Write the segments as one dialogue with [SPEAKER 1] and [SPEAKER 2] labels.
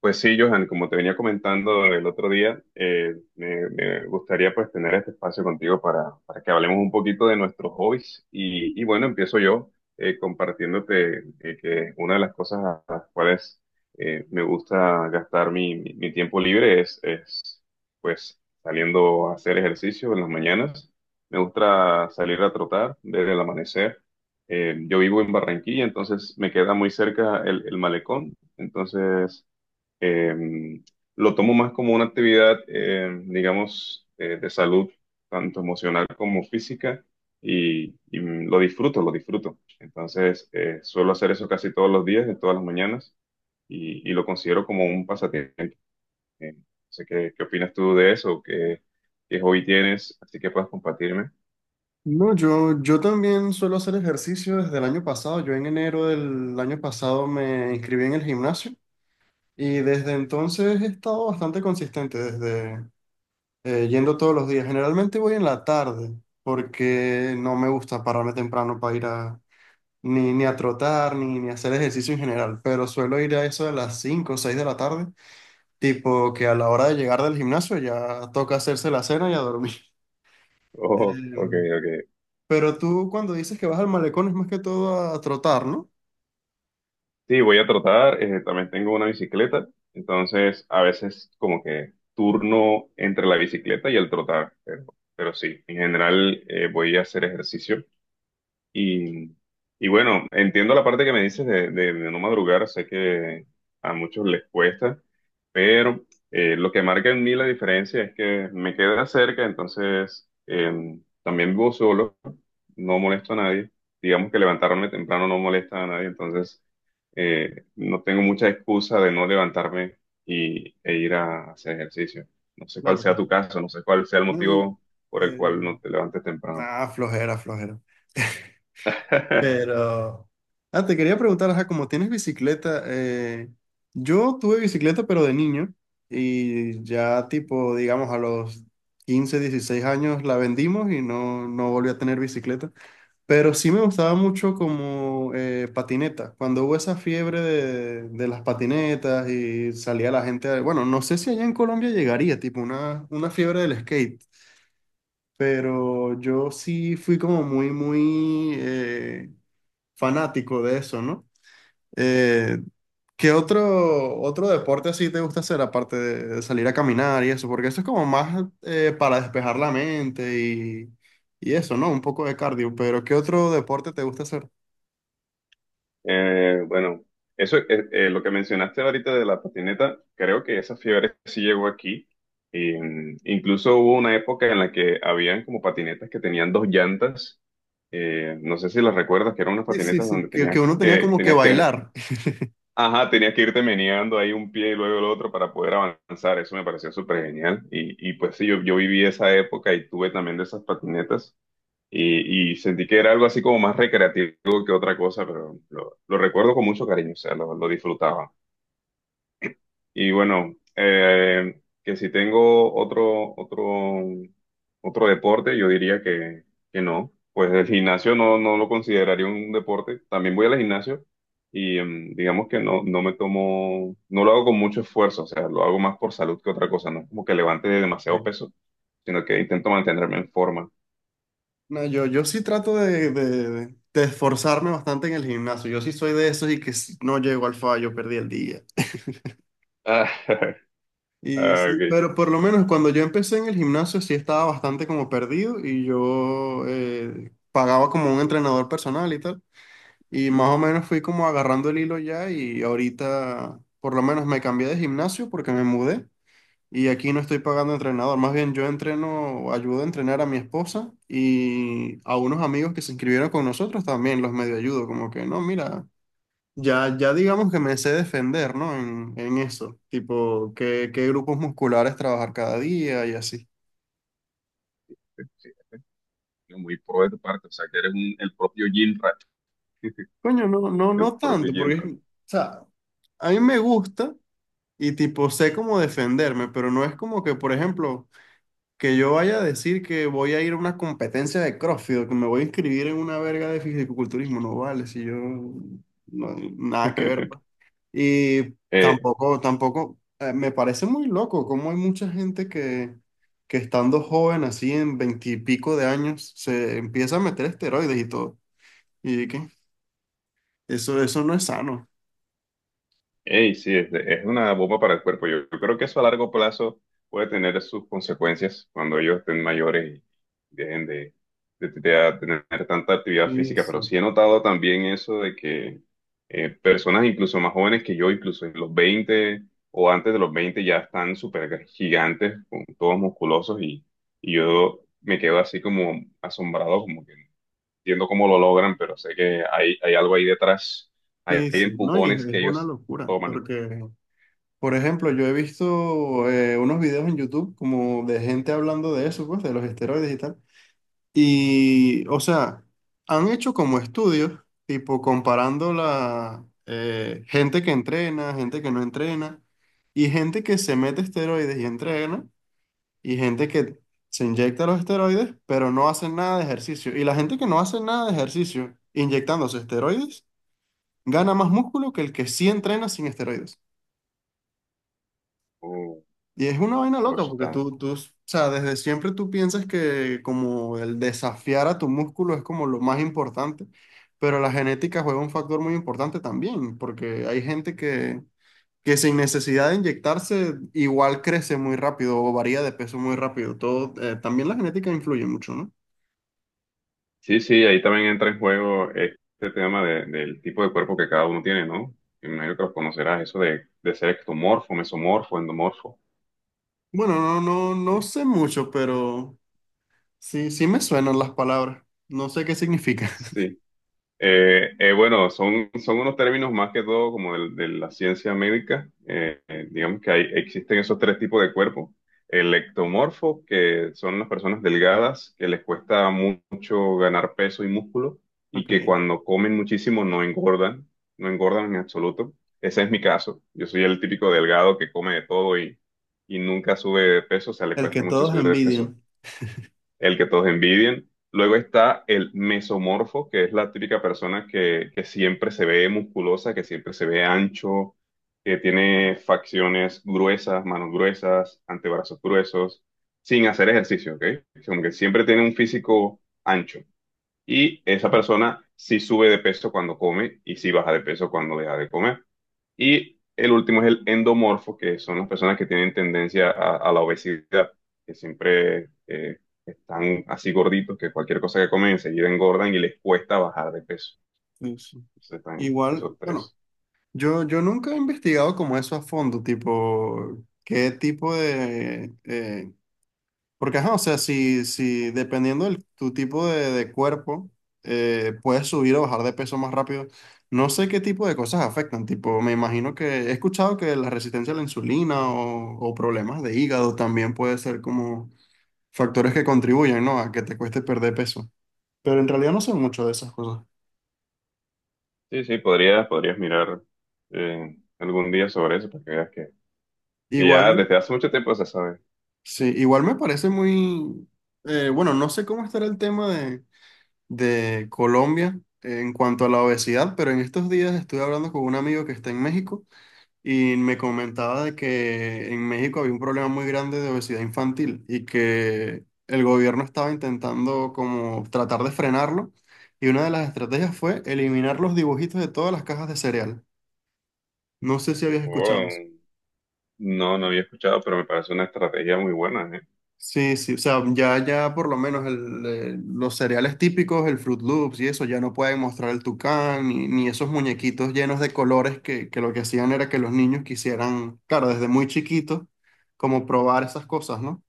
[SPEAKER 1] Pues sí, Johan, como te venía comentando el otro día, me gustaría pues tener este espacio contigo para que hablemos un poquito de nuestros hobbies. Y bueno, empiezo yo, compartiéndote, que una de las cosas a las cuales me gusta gastar mi tiempo libre es pues saliendo a hacer ejercicio en las mañanas. Me gusta salir a trotar desde el amanecer. Yo vivo en Barranquilla, entonces me queda muy cerca el malecón. Entonces. Eh, lo tomo más como una actividad, digamos, de salud, tanto emocional como física, y lo disfruto, lo disfruto. Entonces, suelo hacer eso casi todos los días, de todas las mañanas, y lo considero como un pasatiempo. No sé qué opinas tú de eso, qué hobby tienes, así que puedas compartirme.
[SPEAKER 2] No, yo también suelo hacer ejercicio desde el año pasado. Yo en enero del año pasado me inscribí en el gimnasio y desde entonces he estado bastante consistente, desde yendo todos los días. Generalmente voy en la tarde porque no me gusta pararme temprano para ir a ni a trotar ni hacer ejercicio en general, pero suelo ir a eso de las 5 o 6 de la tarde, tipo que a la hora de llegar del gimnasio ya toca hacerse la cena y a dormir.
[SPEAKER 1] Oh, ok,
[SPEAKER 2] Em,
[SPEAKER 1] ok.
[SPEAKER 2] Pero tú cuando dices que vas al malecón es más que todo a trotar, ¿no?
[SPEAKER 1] Sí, voy a tratar. También tengo una bicicleta, entonces a veces como que turno entre la bicicleta y el trotar, pero sí, en general, voy a hacer ejercicio. Y, y bueno, entiendo la parte que me dices de no madrugar, sé que a muchos les cuesta, pero, lo que marca en mí la diferencia es que me queda cerca, entonces, también vivo solo, no molesto a nadie, digamos que levantarme temprano no molesta a nadie, entonces, no tengo mucha excusa de no levantarme e ir a hacer ejercicio. No sé cuál
[SPEAKER 2] Claro,
[SPEAKER 1] sea
[SPEAKER 2] claro.
[SPEAKER 1] tu caso, no sé cuál sea el
[SPEAKER 2] No, y
[SPEAKER 1] motivo por el
[SPEAKER 2] eh,
[SPEAKER 1] cual no te levantes temprano.
[SPEAKER 2] Ah, flojera, flojera. Pero... Ah, te quería preguntar, ajá, como tienes bicicleta, yo tuve bicicleta pero de niño y ya tipo, digamos, a los 15, 16 años la vendimos y no, no volví a tener bicicleta. Pero sí me gustaba mucho como patineta. Cuando hubo esa fiebre de, las patinetas y salía la gente, a- bueno, no sé si allá en Colombia llegaría, tipo una fiebre del skate, pero yo sí fui como muy fanático de eso, ¿no? Eh, ¿Qué otro deporte así te gusta hacer aparte de salir a caminar y eso? Porque eso es como más para despejar la mente y eso, ¿no? Un poco de cardio, pero ¿qué otro deporte te gusta hacer?
[SPEAKER 1] Bueno, eso, lo que mencionaste ahorita de la patineta, creo que esa fiebre sí llegó aquí. Y, incluso hubo una época en la que habían como patinetas que tenían dos llantas. No sé si las recuerdas, que eran unas
[SPEAKER 2] Sí, sí,
[SPEAKER 1] patinetas
[SPEAKER 2] sí,
[SPEAKER 1] donde
[SPEAKER 2] que
[SPEAKER 1] tenías
[SPEAKER 2] uno tenía
[SPEAKER 1] que,
[SPEAKER 2] como que
[SPEAKER 1] tenías que,
[SPEAKER 2] bailar.
[SPEAKER 1] ajá, tenías que irte meneando ahí un pie y luego el otro para poder avanzar. Eso me pareció súper genial. Y pues sí, yo viví esa época y tuve también de esas patinetas. Y sentí que era algo así como más recreativo que otra cosa, pero lo recuerdo con mucho cariño, o sea, lo disfrutaba. Y bueno, que si tengo otro deporte, yo diría que no. Pues el gimnasio no, no lo consideraría un deporte. También voy al gimnasio y, digamos que no, no me tomo, no lo hago con mucho esfuerzo, o sea, lo hago más por salud que otra cosa, no es como que levante demasiado
[SPEAKER 2] Ok.
[SPEAKER 1] peso, sino que intento mantenerme en forma.
[SPEAKER 2] No, yo sí trato de, de esforzarme bastante en el gimnasio. Yo sí soy de esos y que si no llego al fallo, perdí el día.
[SPEAKER 1] Ah,
[SPEAKER 2] Y
[SPEAKER 1] ah,
[SPEAKER 2] sí,
[SPEAKER 1] ok.
[SPEAKER 2] pero por lo menos cuando yo empecé en el gimnasio sí estaba bastante como perdido y yo pagaba como un entrenador personal y tal. Y más o menos fui como agarrando el hilo ya y ahorita por lo menos me cambié de gimnasio porque me mudé. Y aquí no estoy pagando entrenador, más bien yo entreno, ayudo a entrenar a mi esposa y a unos amigos que se inscribieron con nosotros también los medio ayudo, como que no, mira, ya, ya digamos que me sé defender, ¿no? En eso, tipo, qué, qué grupos musculares trabajar cada día y así.
[SPEAKER 1] Muy pro de tu parte, o sea, que eres el propio Jim Rat.
[SPEAKER 2] Coño, no, no,
[SPEAKER 1] El
[SPEAKER 2] no
[SPEAKER 1] propio
[SPEAKER 2] tanto,
[SPEAKER 1] Jim
[SPEAKER 2] porque,
[SPEAKER 1] Rat.
[SPEAKER 2] o sea, a mí me gusta y tipo, sé cómo defenderme, pero no es como que, por ejemplo... Que yo vaya a decir que voy a ir a una competencia de CrossFit, o que me voy a inscribir en una verga de fisicoculturismo, no vale, si yo nada que ver. Pues. Y
[SPEAKER 1] Eh,
[SPEAKER 2] tampoco, me parece muy loco cómo hay mucha gente que, estando joven, así en veintipico de años, se empieza a meter esteroides y todo. Y qué eso, eso no es sano.
[SPEAKER 1] ey, sí, es una bomba para el cuerpo. Yo creo que eso a largo plazo puede tener sus consecuencias cuando ellos estén mayores y dejen de tener tanta actividad
[SPEAKER 2] Sí,
[SPEAKER 1] física. Pero
[SPEAKER 2] sí,
[SPEAKER 1] sí he notado también eso de que, personas incluso más jóvenes que yo, incluso en los 20 o antes de los 20 ya están súper gigantes, con todos musculosos, y yo me quedo así como asombrado, como que entiendo cómo lo logran, pero sé que hay algo ahí detrás. Hay,
[SPEAKER 2] sí,
[SPEAKER 1] hay
[SPEAKER 2] sí. No, y
[SPEAKER 1] empujones
[SPEAKER 2] es
[SPEAKER 1] que
[SPEAKER 2] una
[SPEAKER 1] ellos
[SPEAKER 2] locura,
[SPEAKER 1] toman.
[SPEAKER 2] porque por ejemplo, yo he visto unos videos en YouTube como de gente hablando de eso, pues, de los esteroides y tal. Y, o sea, han hecho como estudios, tipo comparando la gente que entrena, gente que no entrena, y gente que se mete esteroides y entrena, y gente que se inyecta los esteroides, pero no hace nada de ejercicio. Y la gente que no hace nada de ejercicio inyectándose esteroides gana más músculo que el que sí entrena sin esteroides.
[SPEAKER 1] Uh,
[SPEAKER 2] Y es una vaina
[SPEAKER 1] por
[SPEAKER 2] loca
[SPEAKER 1] eso
[SPEAKER 2] porque
[SPEAKER 1] está-
[SPEAKER 2] tú, o sea, desde siempre tú piensas que como el desafiar a tu músculo es como lo más importante, pero la genética juega un factor muy importante también, porque hay gente que sin necesidad de inyectarse igual crece muy rápido o varía de peso muy rápido. Todo, también la genética influye mucho, ¿no?
[SPEAKER 1] Sí, sí, ahí también entra en juego este tema del tipo de cuerpo que cada uno tiene, ¿no? Me imagino que los conocerás, eso de ser ectomorfo, mesomorfo, endomorfo.
[SPEAKER 2] Bueno, no, no,
[SPEAKER 1] Sí,
[SPEAKER 2] no sé mucho, pero sí, sí me suenan las palabras. No sé qué significa.
[SPEAKER 1] sí. Bueno, son unos términos más que todo como de la ciencia médica. Digamos que existen esos tres tipos de cuerpo. El ectomorfo, que son las personas delgadas, que les cuesta mucho ganar peso y músculo, y que
[SPEAKER 2] Okay.
[SPEAKER 1] cuando comen muchísimo no engordan, no engordan en absoluto. Ese es mi caso. Yo soy el típico delgado que come de todo y nunca sube de peso, o sea, le
[SPEAKER 2] El que
[SPEAKER 1] cuesta mucho
[SPEAKER 2] todos
[SPEAKER 1] subir de peso,
[SPEAKER 2] envidian.
[SPEAKER 1] el que todos envidian. Luego está el mesomorfo, que es la típica persona que siempre se ve musculosa, que siempre se ve ancho, que tiene facciones gruesas, manos gruesas, antebrazos gruesos, sin hacer ejercicio, ¿ok? Como que siempre tiene un físico ancho. Y esa persona sí sube de peso cuando come y sí baja de peso cuando deja de comer. Y el último es el endomorfo, que son las personas que tienen tendencia a la obesidad, que siempre, están así gorditos, que cualquier cosa que comen enseguida engordan y les cuesta bajar de peso.
[SPEAKER 2] Sí, sí.
[SPEAKER 1] Entonces están
[SPEAKER 2] Igual,
[SPEAKER 1] esos
[SPEAKER 2] bueno.
[SPEAKER 1] tres.
[SPEAKER 2] Yo nunca he investigado como eso a fondo, tipo, qué tipo de... porque, ajá, o sea, si, dependiendo de tu tipo de cuerpo, puedes subir o bajar de peso más rápido. No sé qué tipo de cosas afectan, tipo, me imagino que he escuchado que la resistencia a la insulina o problemas de hígado también puede ser como factores que contribuyen, ¿no? A que te cueste perder peso. Pero en realidad no sé mucho de esas cosas.
[SPEAKER 1] Sí, sí, podrías mirar, algún día sobre eso para que veas que ya
[SPEAKER 2] Igual.
[SPEAKER 1] desde hace mucho tiempo se sabe.
[SPEAKER 2] Sí, igual me parece muy, bueno, no sé cómo estará el tema de Colombia en cuanto a la obesidad, pero en estos días estuve hablando con un amigo que está en México y me comentaba de que en México había un problema muy grande de obesidad infantil y que el gobierno estaba intentando como tratar de frenarlo y una de las estrategias fue eliminar los dibujitos de todas las cajas de cereal. No sé si habías escuchado.
[SPEAKER 1] Oh, no, no había escuchado, pero me parece una estrategia muy buena, ¿eh?
[SPEAKER 2] Sí, sí, o sea, ya, por lo menos los cereales típicos, el Fruit Loops y eso, ya no pueden mostrar el tucán ni esos muñequitos llenos de colores que, lo que hacían era que los niños quisieran, claro, desde muy chiquitos, como probar esas cosas, ¿no?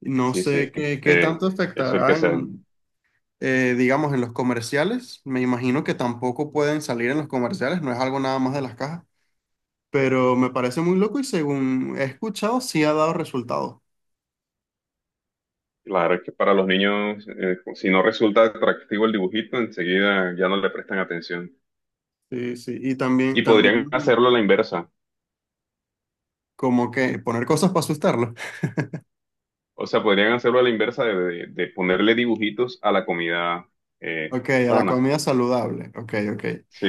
[SPEAKER 2] No
[SPEAKER 1] Sí, sí.
[SPEAKER 2] sé qué
[SPEAKER 1] Eh,
[SPEAKER 2] tanto
[SPEAKER 1] eso es el que
[SPEAKER 2] afectará
[SPEAKER 1] se.
[SPEAKER 2] en, digamos, en los comerciales. Me imagino que tampoco pueden salir en los comerciales, no es algo nada más de las cajas, pero me parece muy loco y según he escuchado, sí ha dado resultados.
[SPEAKER 1] Claro, es que para los niños, si no resulta atractivo el dibujito, enseguida ya no le prestan atención.
[SPEAKER 2] Sí, sí, y también,
[SPEAKER 1] Y
[SPEAKER 2] también
[SPEAKER 1] podrían hacerlo a la inversa.
[SPEAKER 2] como que poner cosas para asustarlo.
[SPEAKER 1] O sea, podrían hacerlo a la inversa de ponerle dibujitos a la comida,
[SPEAKER 2] Ok, a la
[SPEAKER 1] sana.
[SPEAKER 2] comida saludable. Ok, ok.
[SPEAKER 1] Sí,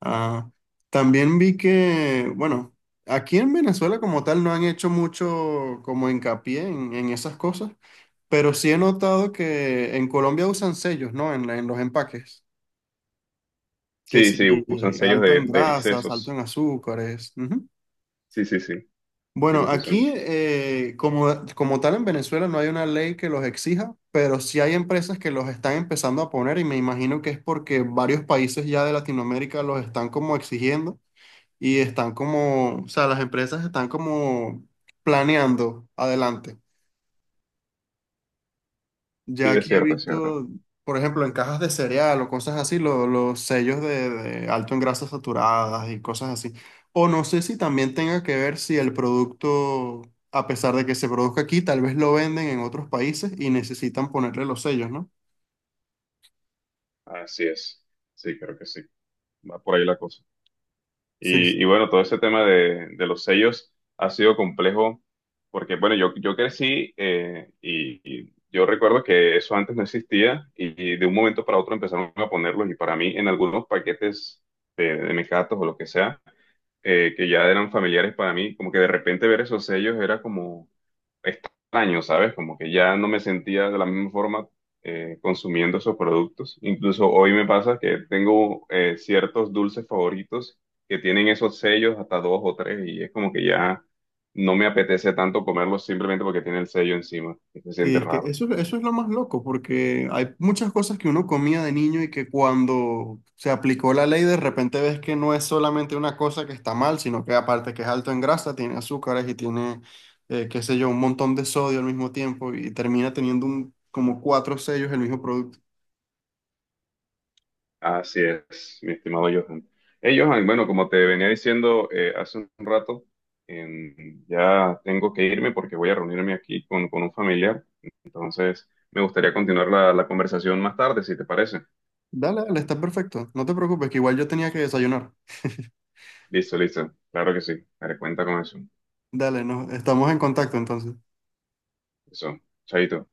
[SPEAKER 2] Ah, también vi que, bueno, aquí en Venezuela como tal no han hecho mucho como hincapié en, esas cosas, pero sí he notado que en Colombia usan sellos, ¿no? En los empaques. Que
[SPEAKER 1] sí,
[SPEAKER 2] sí,
[SPEAKER 1] sí, usan sellos
[SPEAKER 2] alto
[SPEAKER 1] de,
[SPEAKER 2] en
[SPEAKER 1] de
[SPEAKER 2] grasas, alto
[SPEAKER 1] excesos.
[SPEAKER 2] en azúcares. Ujú.
[SPEAKER 1] Sí, sí, sí, sí
[SPEAKER 2] Bueno,
[SPEAKER 1] los usan.
[SPEAKER 2] aquí como tal en Venezuela no hay una ley que los exija, pero sí hay empresas que los están empezando a poner y me imagino que es porque varios países ya de Latinoamérica los están como exigiendo y están como, o sea, las empresas están como planeando adelante. Ya
[SPEAKER 1] Sí, es
[SPEAKER 2] aquí he
[SPEAKER 1] cierto, es cierto.
[SPEAKER 2] visto, por ejemplo, en cajas de cereal o cosas así, lo- los sellos de, alto en grasas saturadas y cosas así. O no sé si también tenga que ver si el producto, a pesar de que se produzca aquí, tal vez lo venden en otros países y necesitan ponerle los sellos, ¿no?
[SPEAKER 1] Así es. Sí, creo que sí. Va por ahí la cosa.
[SPEAKER 2] Sí. Sí.
[SPEAKER 1] Y bueno, todo ese tema de los sellos ha sido complejo porque, bueno, yo crecí, y yo recuerdo que eso antes no existía y de un momento para otro empezaron a ponerlos y para mí en algunos paquetes de mis gatos o lo que sea, que ya eran familiares para mí, como que de repente ver esos sellos era como extraño, ¿sabes? Como que ya no me sentía de la misma forma, consumiendo esos productos. Incluso hoy me pasa que tengo, ciertos dulces favoritos que tienen esos sellos hasta dos o tres y es como que ya no me apetece tanto comerlos simplemente porque tiene el sello encima, que se
[SPEAKER 2] Sí,
[SPEAKER 1] siente
[SPEAKER 2] es que
[SPEAKER 1] raro.
[SPEAKER 2] eso es lo más loco, porque hay muchas cosas que uno comía de niño y que cuando se aplicó la ley de repente ves que no es solamente una cosa que está mal, sino que aparte que es alto en grasa, tiene azúcares y tiene, qué sé yo, un montón de sodio al mismo tiempo y termina teniendo un, como cuatro sellos el mismo producto.
[SPEAKER 1] Así es, mi estimado Johan. Hey, Johan, bueno, como te venía diciendo, hace un rato, ya tengo que irme porque voy a reunirme aquí con un familiar. Entonces, me gustaría continuar la conversación más tarde, si te parece.
[SPEAKER 2] Dale, dale, está perfecto. No te preocupes, que igual yo tenía que desayunar.
[SPEAKER 1] Listo, listo. Claro que sí. Daré cuenta con eso.
[SPEAKER 2] Dale, no, estamos en contacto entonces.
[SPEAKER 1] Eso. Chaito.